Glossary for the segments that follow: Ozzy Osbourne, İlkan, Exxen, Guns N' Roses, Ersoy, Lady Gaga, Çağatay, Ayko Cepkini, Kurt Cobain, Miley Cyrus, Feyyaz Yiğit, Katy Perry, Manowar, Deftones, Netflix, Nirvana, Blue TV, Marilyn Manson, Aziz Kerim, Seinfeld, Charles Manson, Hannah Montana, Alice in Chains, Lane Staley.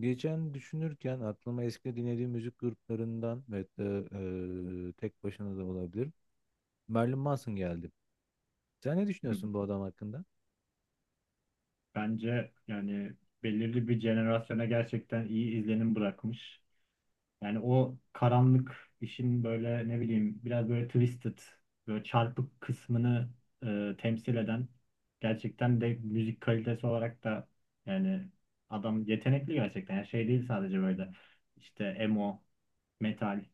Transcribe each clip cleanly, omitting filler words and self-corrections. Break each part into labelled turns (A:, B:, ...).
A: Geçen düşünürken aklıma eski dinlediğim müzik gruplarından, ve hatta tek başına da olabilir, Marilyn Manson geldi. Sen ne
B: Hı hı.
A: düşünüyorsun bu adam hakkında?
B: Bence belirli bir jenerasyona gerçekten iyi izlenim bırakmış. Yani o karanlık işin böyle ne bileyim biraz böyle twisted, böyle çarpık kısmını temsil eden gerçekten de müzik kalitesi olarak da yani adam yetenekli gerçekten. Yani şey değil sadece böyle işte emo, metal,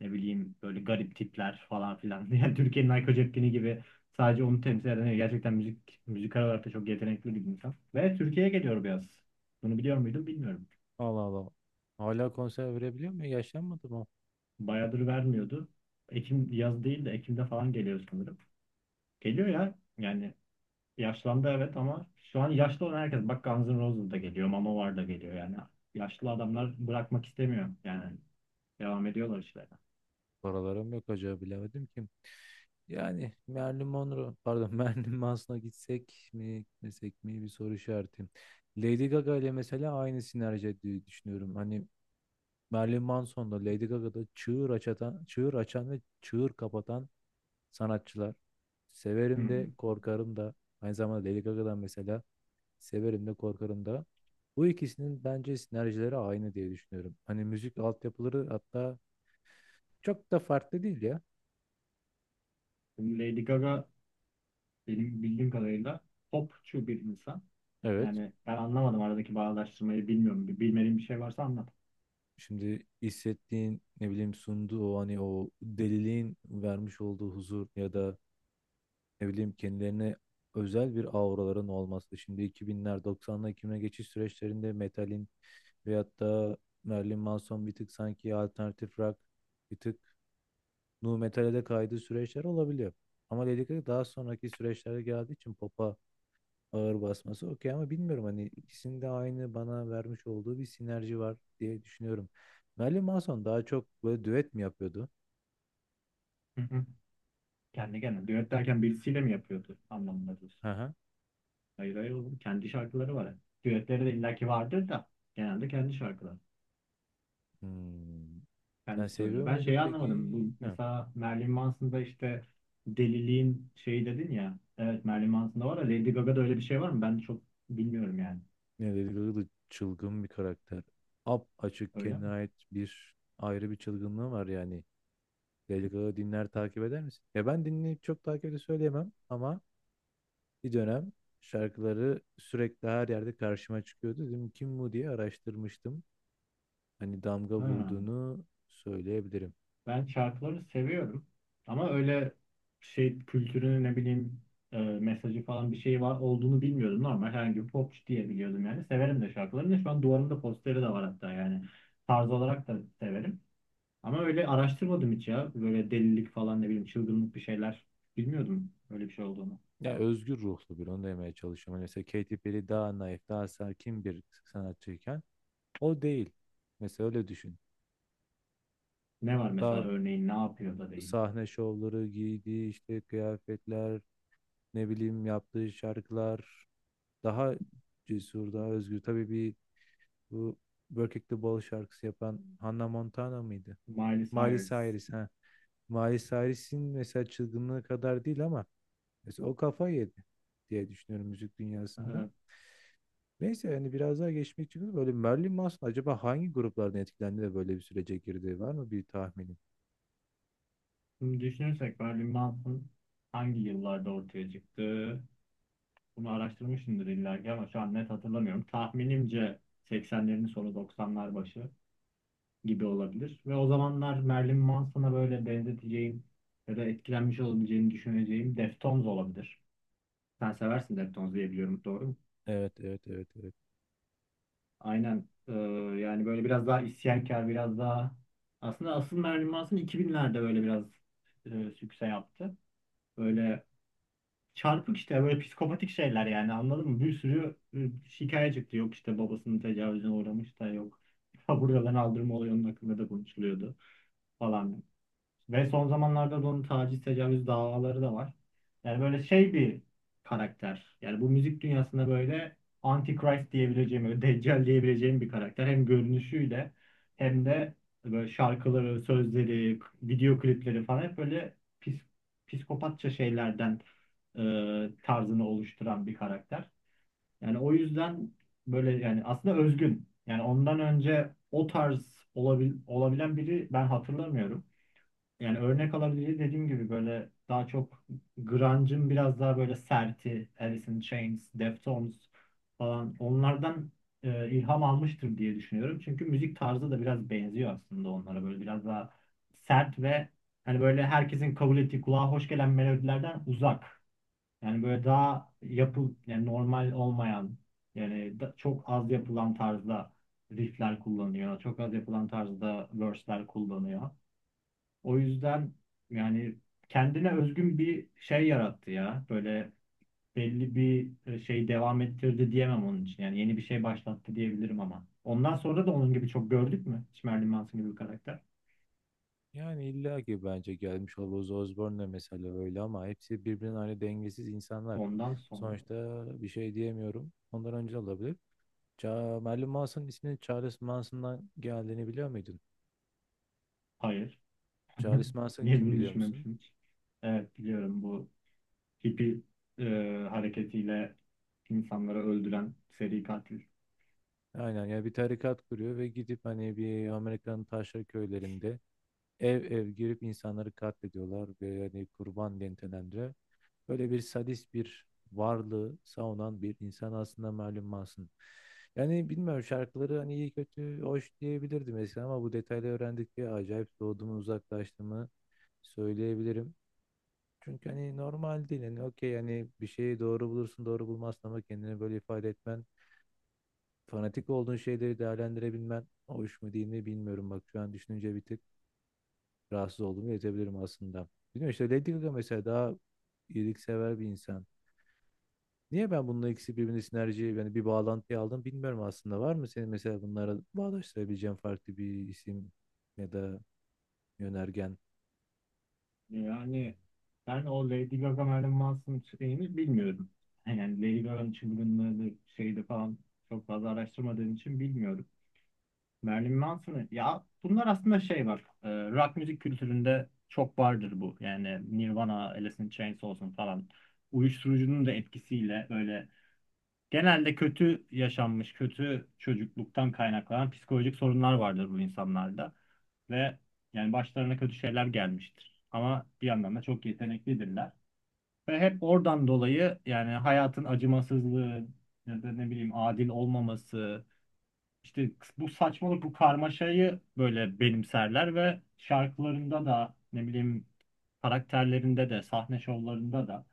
B: ne bileyim böyle garip tipler falan filan. Yani Türkiye'nin Ayko Cepkini gibi sadece onu temsil eden değil, gerçekten müzik müzikal olarak da çok yetenekli bir insan. Ve Türkiye'ye geliyor biraz. Bunu biliyor muydun bilmiyorum.
A: Allah Allah. Hala konser verebiliyor mu? Yaşlanmadı mı?
B: Bayağıdır vermiyordu. Ekim, yaz değil de Ekim'de falan geliyor sanırım. Geliyor ya. Yani yaşlandı evet ama şu an yaşlı olan herkes, bak Guns N' Roses da geliyor, Manowar da geliyor yani. Yaşlı adamlar bırakmak istemiyor yani. Devam ediyorlar işlerine.
A: Paralarım yok, acaba bilemedim kim? Yani Marilyn Monroe, pardon, Marilyn Manson'a gitsek mi gitmesek mi, bir soru işareti. Lady Gaga ile mesela aynı sinerji ettiği düşünüyorum. Hani Marilyn Manson'da, Lady Gaga'da çığır açatan, çığır açan ve çığır kapatan sanatçılar.
B: Hı
A: Severim de
B: hı.
A: korkarım da. Aynı zamanda Lady Gaga'dan mesela severim de korkarım da. Bu ikisinin bence sinerjileri aynı diye düşünüyorum. Hani müzik altyapıları hatta çok da farklı değil ya.
B: Şimdi Lady Gaga benim bildiğim kadarıyla popçu bir insan.
A: Evet.
B: Yani ben anlamadım aradaki bağdaştırmayı, bilmiyorum. Bir bilmediğim bir şey varsa anlat.
A: Şimdi hissettiğin ne bileyim, sunduğu o hani o deliliğin vermiş olduğu huzur, ya da ne bileyim kendilerine özel bir auraların olması. Şimdi 2000'ler, 90'lar, 2000'e geçiş süreçlerinde metalin, veyahut da Marilyn Manson, bir tık sanki alternatif rock, bir tık nu metal'e de kaydığı süreçler olabiliyor. Ama dedik ki daha sonraki süreçlere geldiği için pop'a ağır basması okey, ama bilmiyorum, hani ikisinde aynı bana vermiş olduğu bir sinerji var diye düşünüyorum. Marilyn Manson daha çok böyle düet mi yapıyordu?
B: Hı hı. Kendi kendine düet derken birisiyle mi yapıyordu anlamında diyorsun?
A: Hı hı.
B: Hayır hayır oğlum. Kendi şarkıları var. Düetleri de illaki vardır da genelde kendi şarkıları.
A: Hmm. Sen
B: Kendisi söylüyor.
A: seviyor
B: Ben şeyi
A: muydun peki?
B: anlamadım. Bu
A: Hı.
B: mesela Marilyn Manson'da işte deliliğin şeyi dedin ya. Evet, Marilyn Manson'da var da Lady Gaga'da öyle bir şey var mı? Ben çok bilmiyorum yani.
A: Ne, Lady Gaga da çılgın bir karakter. Ap açık
B: Öyle
A: kendine
B: mi?
A: ait bir ayrı bir çılgınlığı var yani. Lady Gaga dinler, takip eder misin? Ya ben dinleyip çok takip de söyleyemem, ama bir dönem şarkıları sürekli her yerde karşıma çıkıyordu. Dedim kim bu diye araştırmıştım. Hani damga
B: Ha.
A: vurduğunu söyleyebilirim.
B: Ben şarkıları seviyorum. Ama öyle şey kültürünü, ne bileyim mesajı falan bir şey var olduğunu bilmiyordum. Normal herhangi bir popçu diye biliyordum yani. Severim de şarkılarını. Şu an duvarımda posteri de var hatta yani. Tarz olarak da severim. Ama öyle araştırmadım hiç ya. Böyle delilik falan, ne bileyim çılgınlık bir şeyler. Bilmiyordum öyle bir şey olduğunu.
A: Ya özgür ruhlu bir, onu demeye çalışıyorum. Hani mesela Katy Perry daha naif, daha sakin bir sanatçıyken o değil. Mesela öyle düşün.
B: Ne var mesela,
A: Daha
B: örneğin ne yapıyor da değil.
A: sahne şovları, giydiği işte kıyafetler, ne bileyim yaptığı şarkılar daha cesur, daha özgür. Tabii bir, bu Work It The Ball şarkısı yapan Hannah Montana mıydı?
B: Miley
A: Miley
B: Cyrus.
A: Cyrus ha. Miley Cyrus'in mesela çılgınlığı kadar değil, ama mesela o kafa yedi diye düşünüyorum müzik dünyasında.
B: Ee,
A: Neyse, yani biraz daha geçmek için, böyle Marilyn Manson acaba hangi gruplardan etkilendi de böyle bir sürece girdi, var mı bir tahminin?
B: şimdi düşünürsek Marilyn Manson hangi yıllarda ortaya çıktı? Bunu araştırmışımdır illa ki ama şu an net hatırlamıyorum. Tahminimce 80'lerin sonu 90'lar başı gibi olabilir. Ve o zamanlar Marilyn Manson'a böyle benzeteceğim ya da etkilenmiş olabileceğini düşüneceğim Deftones olabilir. Sen seversin Deftones diye biliyorum. Doğru.
A: Evet, evet, evet, evet.
B: Aynen. Yani böyle biraz daha isyankar, biraz daha, aslında asıl Marilyn Manson 2000'lerde böyle biraz sükse yaptı. Böyle çarpık işte böyle psikopatik şeyler, yani anladın mı? Bir sürü şikayet çıktı. Yok işte babasının tecavüzüne uğramış da yok. Buradan aldırma oluyor, onun hakkında da konuşuluyordu falan. Ve son zamanlarda da onun taciz, tecavüz davaları da var. Yani böyle şey bir karakter. Yani bu müzik dünyasında böyle Antichrist diyebileceğim, böyle Deccal diyebileceğim bir karakter. Hem görünüşüyle hem de böyle şarkıları, sözleri, video klipleri falan hep böyle pis, psikopatça şeylerden e, tarzını oluşturan bir karakter. Yani o yüzden böyle yani aslında özgün. Yani ondan önce o tarz olabilen biri ben hatırlamıyorum. Yani örnek alabileceği, dediğim gibi böyle daha çok grunge'ın biraz daha böyle serti Alice in Chains, Deftones falan, onlardan ilham almıştır diye düşünüyorum. Çünkü müzik tarzı da biraz benziyor aslında onlara, böyle biraz daha sert ve hani böyle herkesin kabul ettiği kulağa hoş gelen melodilerden uzak. Yani böyle daha yapı, yani normal olmayan, yani çok az yapılan tarzda riffler kullanıyor. Çok az yapılan tarzda verse'ler kullanıyor. O yüzden yani kendine özgün bir şey yarattı ya. Böyle belli bir şey devam ettirdi diyemem onun için. Yani yeni bir şey başlattı diyebilirim ama. Ondan sonra da onun gibi çok gördük mü? Hiç Marilyn Manson gibi bir karakter.
A: Yani illa ki, bence gelmiş Ozzy Osbourne de mesela öyle, ama hepsi birbirinden aynı dengesiz insanlar.
B: Ondan sonra.
A: Sonuçta bir şey diyemiyorum. Ondan önce de olabilir. Ça Marilyn Manson'un isminin Charles Manson'dan geldiğini biliyor muydun?
B: Hayır.
A: Charles Manson
B: Niye
A: kim
B: bunu
A: biliyor musun?
B: düşünmemişim hiç? Evet biliyorum, bu hippie e, hareketiyle insanları öldüren seri katil.
A: Aynen ya, bir tarikat kuruyor ve gidip hani bir Amerika'nın taşra köylerinde ev ev girip insanları katlediyorlar ve hani kurban dentelendiler. Böyle bir sadist bir varlığı savunan bir insan aslında malum Manson. Yani bilmiyorum, şarkıları hani iyi kötü hoş diyebilirdim eskiden, ama bu detayları öğrendikçe acayip soğuduğumu, uzaklaştığımı söyleyebilirim. Çünkü hani normal değil, hani okey, hani bir şeyi doğru bulursun doğru bulmazsın, ama kendini böyle ifade etmen, fanatik olduğun şeyleri değerlendirebilmen hoş mu değil mi bilmiyorum, bak şu an düşününce bir tık rahatsız olduğumu yetebilirim aslında. Bilmiyorum, işte Lady Gaga mesela daha iyiliksever bir insan. Niye ben bununla ikisi birbirine sinerji, yani bir bağlantı aldım bilmiyorum aslında. Var mı senin mesela bunlara bağdaştırabileceğin farklı bir isim ya da yönergen?
B: Yani ben o Lady Gaga Marilyn Manson şeyini bilmiyorum. Yani Lady Gaga'nın çılgınlığıdır, şeydi falan, çok fazla araştırmadığım için bilmiyorum. Marilyn Manson'ı ya, bunlar aslında şey var. Rock müzik kültüründe çok vardır bu. Yani Nirvana, Alice in Chains olsun falan. Uyuşturucunun da etkisiyle böyle genelde kötü yaşanmış, kötü çocukluktan kaynaklanan psikolojik sorunlar vardır bu insanlarda. Ve başlarına kötü şeyler gelmiştir. Ama bir yandan da çok yeteneklidirler. Ve hep oradan dolayı, yani hayatın acımasızlığı ya da ne bileyim adil olmaması, işte bu saçmalık, bu karmaşayı böyle benimserler ve şarkılarında da ne bileyim, karakterlerinde de, sahne şovlarında da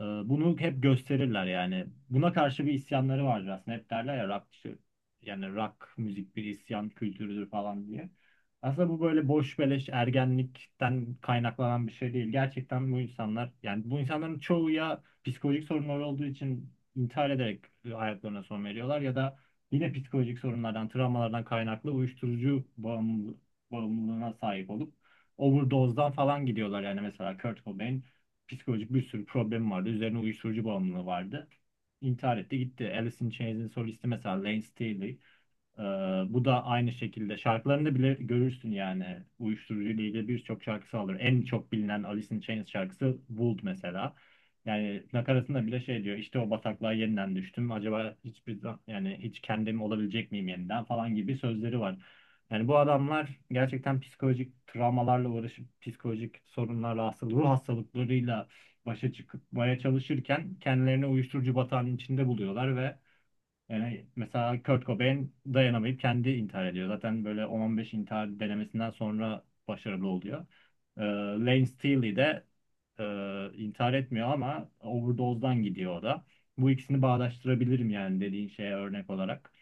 B: bunu hep gösterirler yani. Buna karşı bir isyanları vardır aslında. Hep derler ya, rock, işte, yani rock müzik bir isyan kültürüdür falan diye. Aslında bu böyle boş beleş ergenlikten kaynaklanan bir şey değil. Gerçekten bu insanlar, yani bu insanların çoğu ya psikolojik sorunları olduğu için intihar ederek hayatlarına son veriyorlar ya da yine psikolojik sorunlardan, travmalardan kaynaklı bağımlılığına sahip olup overdose'dan falan gidiyorlar. Yani mesela Kurt Cobain, psikolojik bir sürü problemi vardı. Üzerine uyuşturucu bağımlılığı vardı. İntihar etti gitti. Alice in Chains'in solisti mesela Lane Staley. Ee, bu da aynı şekilde, şarkılarında bile görürsün yani uyuşturucu ile ilgili birçok şarkısı alır. En çok bilinen Alice in Chains şarkısı Would mesela. Yani nakaratında bile şey diyor, işte o bataklığa yeniden düştüm. Acaba hiçbir yani hiç kendim olabilecek miyim yeniden falan gibi sözleri var. Yani bu adamlar gerçekten psikolojik travmalarla uğraşıp psikolojik sorunlarla, hastalık, ruh hastalıklarıyla başa çıkmaya çalışırken kendilerini uyuşturucu batağının içinde buluyorlar ve mesela Kurt Cobain dayanamayıp kendi intihar ediyor. Zaten böyle 10-15 intihar denemesinden sonra başarılı oluyor. Lane Staley de e, intihar etmiyor ama overdose'dan gidiyor o da. Bu ikisini bağdaştırabilirim yani dediğin şeye örnek olarak.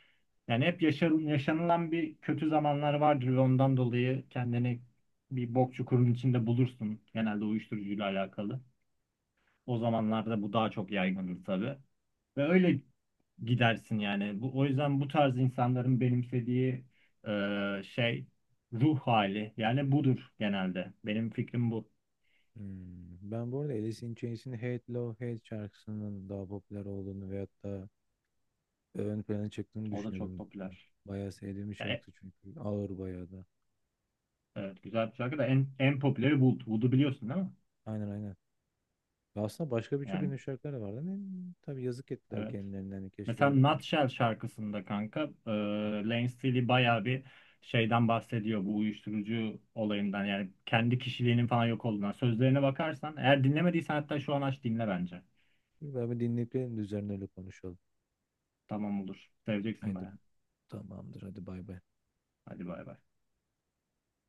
B: Yani hep yaşanılan bir kötü zamanlar vardır ve ondan dolayı kendini bir bok çukurun içinde bulursun. Genelde uyuşturucuyla alakalı. O zamanlarda bu daha çok yaygındır tabii. Ve öyle gidersin yani. Bu, o yüzden bu tarz insanların benimsediği şey ruh hali yani budur genelde. Benim fikrim bu.
A: Hmm, ben bu arada Alice in Chains'in Hate Love Hate şarkısının daha popüler olduğunu veyahut da ön plana çıktığını
B: O da çok
A: düşünüyordum.
B: popüler.
A: Bayağı sevdiğim bir
B: E,
A: şarkı çünkü. Ağır bayağı da.
B: evet güzel bir şarkı da en popüleri Wood. Wood'u biliyorsun değil mi?
A: Aynen, aynen. Ya aslında başka birçok
B: Yani
A: ünlü şarkılar da vardı, ama tabii yazık ettiler
B: evet.
A: kendilerine. Yani keşke...
B: Mesela
A: öyle.
B: Nutshell şarkısında kanka, Lane Staley bayağı bir şeyden bahsediyor, bu uyuşturucu olayından, yani kendi kişiliğinin falan yok olduğundan. Sözlerine bakarsan eğer, dinlemediysen hatta şu an aç dinle bence.
A: Ben bir dinleyip gelelim de üzerine öyle konuşalım.
B: Tamam olur. Seveceksin
A: Haydi,
B: bayağı.
A: tamamdır, hadi bay bay.
B: Hadi bay bay.